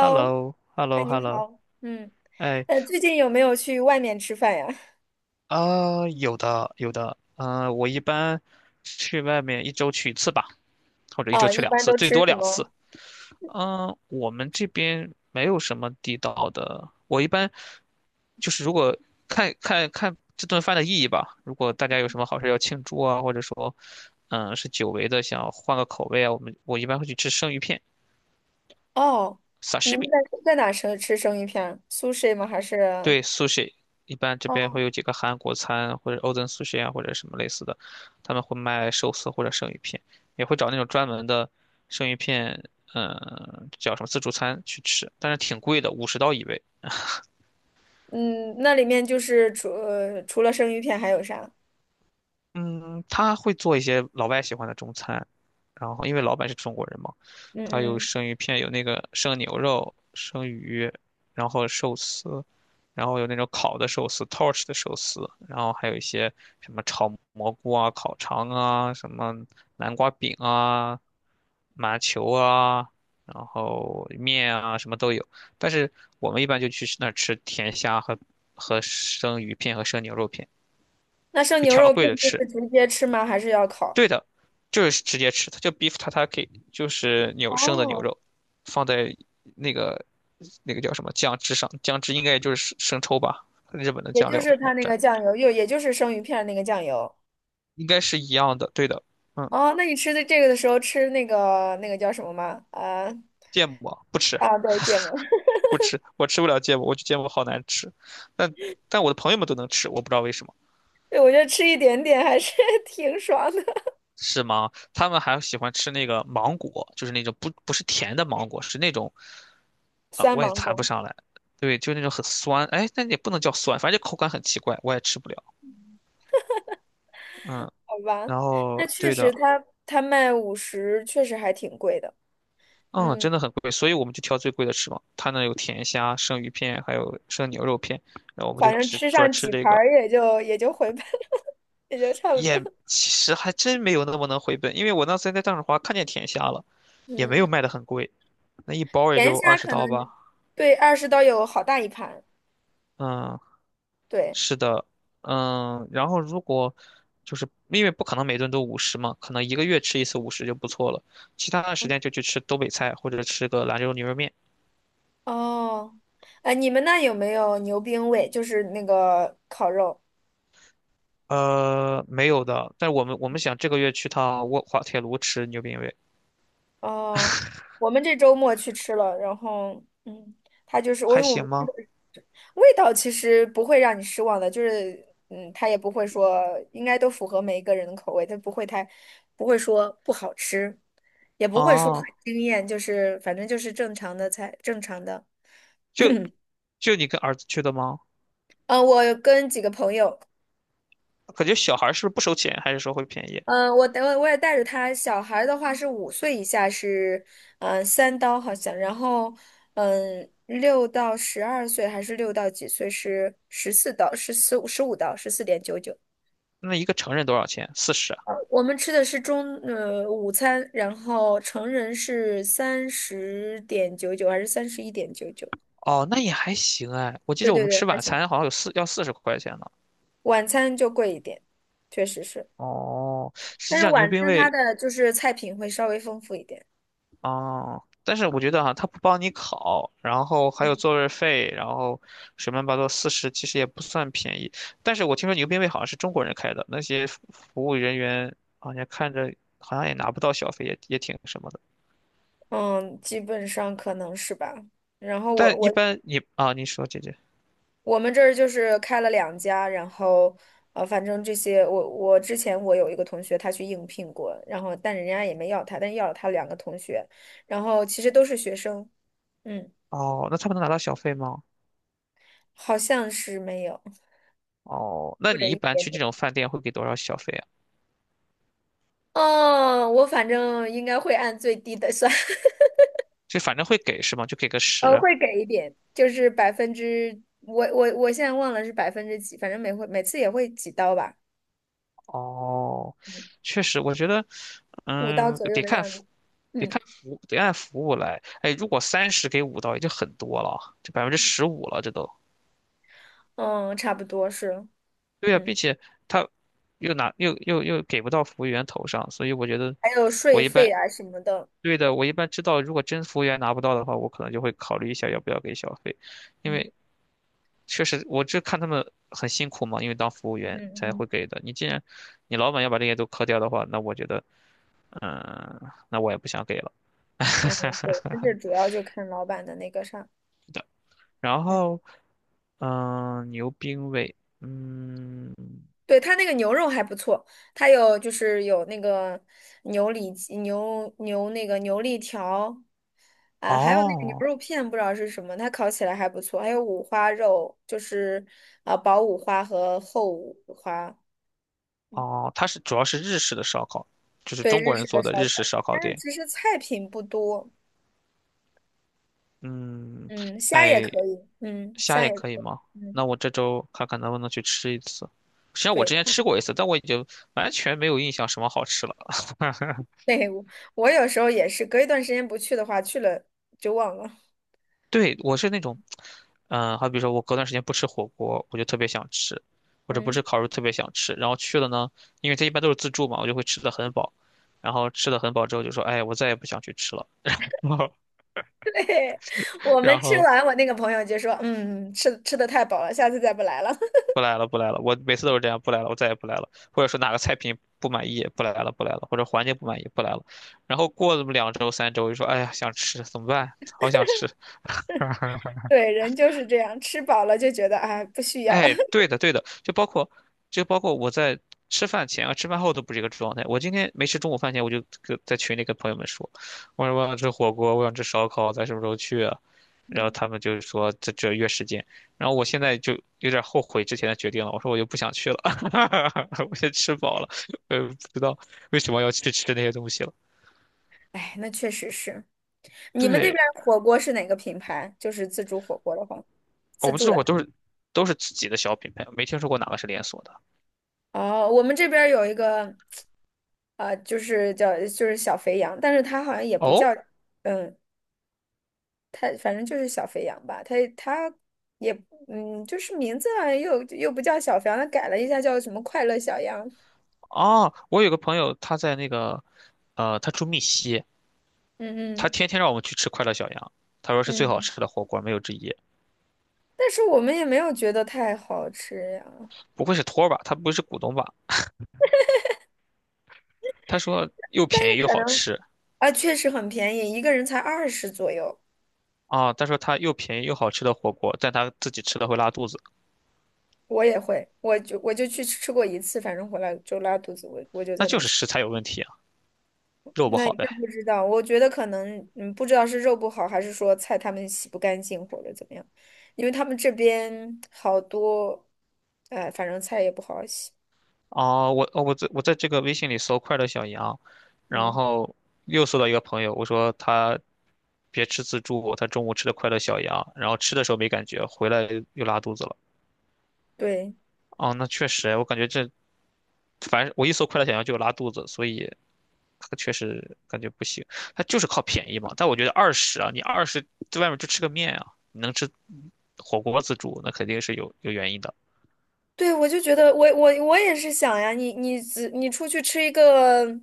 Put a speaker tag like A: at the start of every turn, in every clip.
A: h e l l o h e l l
B: 哎，
A: o
B: 你
A: h e l l o
B: 好，嗯，
A: 哎，
B: 最近有没有去外面吃饭呀？
A: 啊、有的，有的，我一般去外面一周去一次吧，或者一周
B: 啊，
A: 去
B: 一
A: 两
B: 般
A: 次，
B: 都
A: 最
B: 吃
A: 多
B: 什
A: 两次。
B: 么？
A: 我们这边没有什么地道的，我一般就是如果看看这顿饭的意义吧，如果大家有什么好事要庆祝啊，或者说，是久违的想换个口味啊，我一般会去吃生鱼片
B: 哦，你们在
A: ，sashimi。
B: 在哪吃生鱼片儿？Sushi 吗？还是？
A: 对，sushi，一般这边
B: 哦，
A: 会有几个韩国餐或者 Oden Sushi 啊，或者什么类似的，他们会卖寿司或者生鱼片，也会找那种专门的生鱼片，叫什么自助餐去吃，但是挺贵的，50刀一位。
B: 嗯，那里面就是除了生鱼片还有啥？
A: 嗯，他会做一些老外喜欢的中餐，然后因为老板是中国人嘛，他
B: 嗯
A: 有
B: 嗯，
A: 生鱼片，有那个生牛肉、生鱼，然后寿司，然后有那种烤的寿司、torch 的寿司，然后还有一些什么炒蘑菇啊、烤肠啊、什么南瓜饼啊、麻球啊，然后面啊，什么都有。但是我们一般就去那儿吃甜虾和生鱼片和生牛肉片，
B: 那生
A: 就
B: 牛
A: 挑
B: 肉
A: 贵
B: 片
A: 的
B: 就
A: 吃。
B: 是直接吃吗？还是要烤？
A: 对的，就是直接吃，它叫 beef tataki，就是牛生的牛
B: 哦，
A: 肉，放在那个那个叫什么酱汁上，酱汁应该也就是生抽吧，日本的
B: 也
A: 酱
B: 就
A: 料，
B: 是
A: 然
B: 它
A: 后
B: 那
A: 蘸，
B: 个酱油，也就是生鱼片那个酱油。
A: 应该是一样的。对的，嗯，
B: 哦，那你吃的这个的时候吃那个叫什么吗？啊。
A: 芥末不吃，
B: 啊，对，芥末。
A: 不吃，我吃不了芥末，我觉得芥末好难吃，但但我的朋友们都能吃，我不知道为什么。
B: 对，我觉得吃一点点还是 挺爽的。
A: 是吗？他们还喜欢吃那个芒果，就是那种不是甜的芒果，是那种啊，
B: 酸
A: 我也
B: 芒
A: 谈不
B: 果，
A: 上来。对，就那种很酸，哎，那也不能叫酸，反正就口感很奇怪，我也吃不了。嗯，
B: 好吧，
A: 然后
B: 那确
A: 对
B: 实
A: 的，
B: 它卖50，确实还挺贵的。
A: 嗯，
B: 嗯，
A: 真的很贵，所以我们就挑最贵的吃嘛。他那有甜虾、生鱼片，还有生牛肉片，然后我们
B: 反
A: 就
B: 正
A: 只
B: 吃
A: 专
B: 上
A: 吃
B: 几
A: 这
B: 盘
A: 个，
B: 儿也就回本，也就差不多。
A: 也其实还真没有那么能回本，因为我那次在大润发看见甜虾了，也没有
B: 嗯，
A: 卖的很贵，那一包也
B: 盐
A: 就二
B: 虾
A: 十
B: 可
A: 刀吧。
B: 能对二十刀有好大一盘，
A: 嗯，
B: 对。
A: 是的，然后如果就是因为不可能每顿都五十嘛，可能一个月吃一次五十就不错了，其他的时间就去吃东北菜或者吃个兰州牛肉面。
B: 哦，哎，你们那有没有牛冰味？就是那个烤肉。
A: 没有的，但是我们想这个月去趟滑铁卢吃牛鞭味，
B: 哦，我们这周末去吃了，然后它就是我
A: 还
B: 因为我
A: 行
B: 们吃
A: 吗？
B: 的味道其实不会让你失望的，就是它也不会说，应该都符合每一个人的口味，它不会太不会说不好吃，也不会说很
A: 哦，
B: 惊艳，就是反正就是正常的菜，正常的。
A: 就就你跟儿子去的吗？
B: 嗯，我跟几个朋友。
A: 感觉小孩儿是不是不收钱，还是说会便宜？
B: 嗯，我也带着他。小孩儿的话是5岁以下是，嗯，3刀好像，然后，嗯，6到12岁还是六到几岁是14刀，十四15刀，14.99。
A: 那一个成人多少钱？四十啊。
B: 我们吃的是午餐，然后成人是30.99还是31.99？
A: 哦，那也还行哎，我记
B: 对
A: 得我
B: 对
A: 们
B: 对，
A: 吃
B: 还
A: 晚
B: 行。
A: 餐好像有四十块钱呢。
B: 晚餐就贵一点，确实是，
A: 哦，实
B: 但
A: 际
B: 是
A: 上牛
B: 晚
A: 鞭
B: 餐它
A: 味。
B: 的就是菜品会稍微丰富一点。
A: 哦，但是我觉得哈、他不帮你考，然后还有座位费，然后水么乱七八道四十，其实也不算便宜。但是我听说牛鞭位好像是中国人开的，那些服务人员好像看着好像也拿不到小费，也挺什么的。
B: 嗯，基本上可能是吧。然后
A: 但一般你啊，你说姐姐，
B: 我们这儿就是开了两家，然后反正这些我之前我有一个同学他去应聘过，然后但人家也没要他，但要了他两个同学，然后其实都是学生。嗯，
A: 哦，那他们能拿到小费吗？
B: 好像是没有
A: 哦，那
B: 或者
A: 你一
B: 一
A: 般
B: 点
A: 去这
B: 点。
A: 种饭店会给多少小费啊？
B: 哦，我反正应该会按最低的算。
A: 就反正会给是吗？就给个十。
B: 会给一点，就是百分之我现在忘了是百分之几，反正每回每次也会几刀吧。
A: 哦，
B: 嗯，
A: 确实，我觉得，
B: 五刀
A: 嗯，
B: 左右
A: 得
B: 的
A: 看，
B: 样子。
A: 得
B: 嗯，
A: 看服务得按服务来。哎，如果三十给五刀已经很多了，这15%了，这都。
B: 嗯，差不多是，
A: 对呀，并
B: 嗯，
A: 且他又拿又又又给不到服务员头上，所以我觉得
B: 还有
A: 我
B: 税
A: 一
B: 费
A: 般
B: 啊什么的。
A: 对的，我一般知道，如果真服务员拿不到的话，我可能就会考虑一下要不要给小费，因
B: 嗯
A: 为确实我这看他们很辛苦嘛，因为当服务
B: 嗯
A: 员才
B: 嗯，
A: 会给的。你既然你老板要把这些都磕掉的话，那我觉得，嗯，那我也不想给了。
B: 嗯，对，但 是主要就看老板的那个啥。
A: 然
B: 嗯，
A: 后，牛冰味，
B: 对，他那个牛肉还不错，就是有那个牛里脊牛那个牛肋条，啊，还有那个牛
A: 哦
B: 肉片，不知道是什么，它烤起来还不错。还有五花肉，就是啊薄五花和厚五花，
A: 哦，它是主要是日式的烧烤，就是
B: 对，
A: 中
B: 日
A: 国人
B: 式的
A: 做的
B: 烧
A: 日式
B: 烤。
A: 烧烤
B: 但是
A: 店。
B: 其实菜品不多，
A: 嗯，
B: 嗯，虾也
A: 哎，
B: 可以，嗯，
A: 虾
B: 虾
A: 也
B: 也可
A: 可以吗？
B: 以，嗯，
A: 那我这周看看能不能去吃一次。实际上我
B: 对
A: 之前吃过一次，但我已经完全没有印象什么好吃了。
B: 对，我有时候也是隔一段时间不去的话，去了就忘了。
A: 对，我是那种，好比说我隔段时间不吃火锅，我就特别想吃，或者不
B: 嗯，
A: 吃烤肉特别想吃，然后去了呢，因为它一般都是自助嘛，我就会吃的很饱，然后吃的很饱之后就说，哎，我再也不想去吃了，然后
B: 对，我们
A: 然
B: 吃
A: 后
B: 完，我那个朋友就说，嗯，吃的太饱了，下次再不来了。
A: 不来了不来了，我每次都是这样，不来了，我再也不来了，或者说哪个菜品不满意，不来了不来了，或者环境不满意不来了，然后过了这么两周三周，就说，哎呀，想吃怎么办？好想吃。
B: 对，人就是这样，吃饱了就觉得啊不需要。
A: 哎，对的，对的，就包括我在吃饭前啊、吃饭后都不是一个状态。我今天没吃中午饭前，我就跟在群里跟朋友们说，我说我想吃火锅，我想吃烧烤，咱什么时候去啊？然后他们就是说这约时间，然后我现在就有点后悔之前的决定了，我说我就不想去了，我先吃饱了，我也不知道为什么要去吃那些东西了。
B: 哎，那确实是。你们那边
A: 对，
B: 儿火锅是哪个品牌？就是自助火锅的话，
A: 我
B: 自
A: 们
B: 助
A: 这会儿都
B: 的。
A: 是都是自己的小品牌，没听说过哪个是连锁的。
B: 哦，我们这边儿有一个，啊，就是叫就是小肥羊，但是它好像也不
A: 哦，
B: 叫。嗯，他反正就是小肥羊吧，他也嗯，就是名字好像又不叫小肥羊，他改了一下叫什么快乐小羊。
A: 哦，我有个朋友，他在那个，他住密西，
B: 嗯
A: 他
B: 嗯
A: 天天让我们去吃快乐小羊，他说是最好
B: 嗯，
A: 吃的火锅，没有之一。
B: 但是我们也没有觉得太好吃呀。
A: 不会是托儿吧？他不会是股东吧？他说又
B: 但
A: 便
B: 是
A: 宜又
B: 可
A: 好
B: 能
A: 吃
B: 啊，确实很便宜，一个人才二十左右，
A: 啊，他说他又便宜又好吃的火锅，但他自己吃了会拉肚子，
B: 我也会，我就去吃过一次，反正回来就拉肚子，我就
A: 那
B: 再
A: 就
B: 没
A: 是
B: 去。
A: 食材有问题啊，肉不
B: 那也
A: 好
B: 真
A: 呗。
B: 不知道，我觉得可能不知道是肉不好，还是说菜他们洗不干净或者怎么样，因为他们这边好多，哎，反正菜也不好洗。
A: 哦，我在这个微信里搜快乐小羊，然
B: 嗯，
A: 后又搜到一个朋友，我说他别吃自助，他中午吃的快乐小羊，然后吃的时候没感觉，回来又拉肚子了。
B: 对
A: 哦，那确实，我感觉这，反正我一搜快乐小羊就有拉肚子，所以它确实感觉不行。它就是靠便宜嘛，但我觉得二十啊，你二十在外面就吃个面啊，你能吃火锅自助，那肯定是有原因的。
B: 对，我就觉得我也是想呀，只你出去吃一个，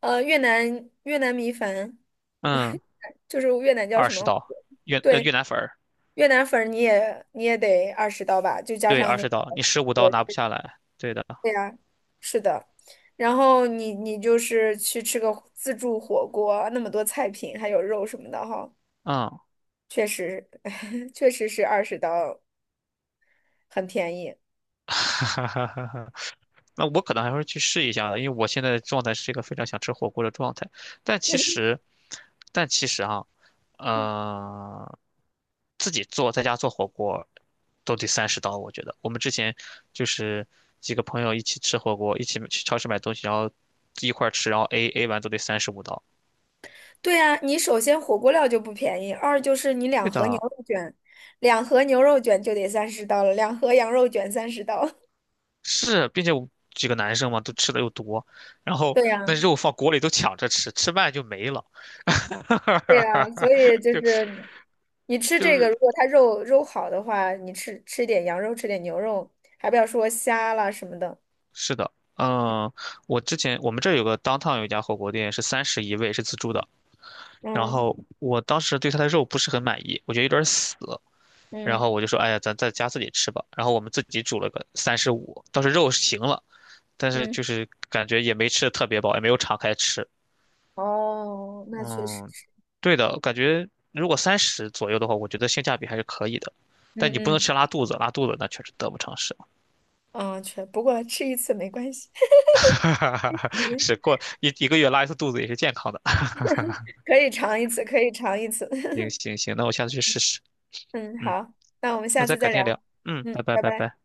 B: 越南米粉，
A: 嗯，
B: 就是越南叫
A: 二
B: 什
A: 十
B: 么？
A: 刀，
B: 对，
A: 越南粉儿，
B: 越南粉儿你也得二十刀吧，就加
A: 对，
B: 上
A: 二
B: 那
A: 十
B: 个。
A: 刀，你十五刀拿不下来，对的，
B: 对呀，是的。然后你就是去吃个自助火锅，那么多菜品，还有肉什么的哈，
A: 嗯，
B: 确实，确实是20刀，很便宜。
A: 哈哈哈哈。那我可能还会去试一下的因为我现在的状态是一个非常想吃火锅的状态。但其实，但其实啊，
B: 嗯，
A: 呃，自己做在家做火锅都得30刀，我觉得。我们之前就是几个朋友一起吃火锅，一起去超市买东西，然后一块儿吃，然后 AA 完都得35刀。
B: 对呀，你首先火锅料就不便宜，二就是你两
A: 对
B: 盒牛
A: 的，
B: 肉卷，两盒牛肉卷就得三十刀了，两盒羊肉卷三十刀。
A: 是，并且我几个男生嘛，都吃的又多，然后
B: 对
A: 那
B: 呀，
A: 肉放锅里都抢着吃，吃慢就没了。
B: 对呀，所以 就
A: 就
B: 是你吃
A: 就
B: 这个，如
A: 是。
B: 果它肉好的话，你吃点羊肉，吃点牛肉，还不要说虾啦什么的。
A: 是的，嗯，我之前我们这儿有个 downtown 有一家火锅店是三十一位，是自助的。然
B: 嗯。
A: 后我当时对它的肉不是很满意，我觉得有点死。然后
B: 嗯
A: 我就说，哎呀，咱在家自己吃吧。然后我们自己煮了个三十五，倒是肉是行了，但是
B: 嗯，
A: 就是感觉也没吃的特别饱，也没有敞开吃。
B: 哦，那确实
A: 嗯，
B: 是。
A: 对的，感觉如果三十左右的话，我觉得性价比还是可以的。
B: 嗯
A: 但你不能
B: 嗯，
A: 吃拉肚子，拉肚子那确实得不偿失。
B: 嗯，确，不过吃一次没关系。嗯，
A: 是过一个月拉一次肚子也是健康的。
B: 可以尝一次，可以尝一次。
A: 行 行行，那我下次去试试。
B: 嗯，
A: 嗯，
B: 好，那我们
A: 那
B: 下
A: 再
B: 次
A: 改
B: 再
A: 天聊。
B: 聊。
A: 嗯，拜
B: 嗯，
A: 拜
B: 拜
A: 拜
B: 拜。
A: 拜。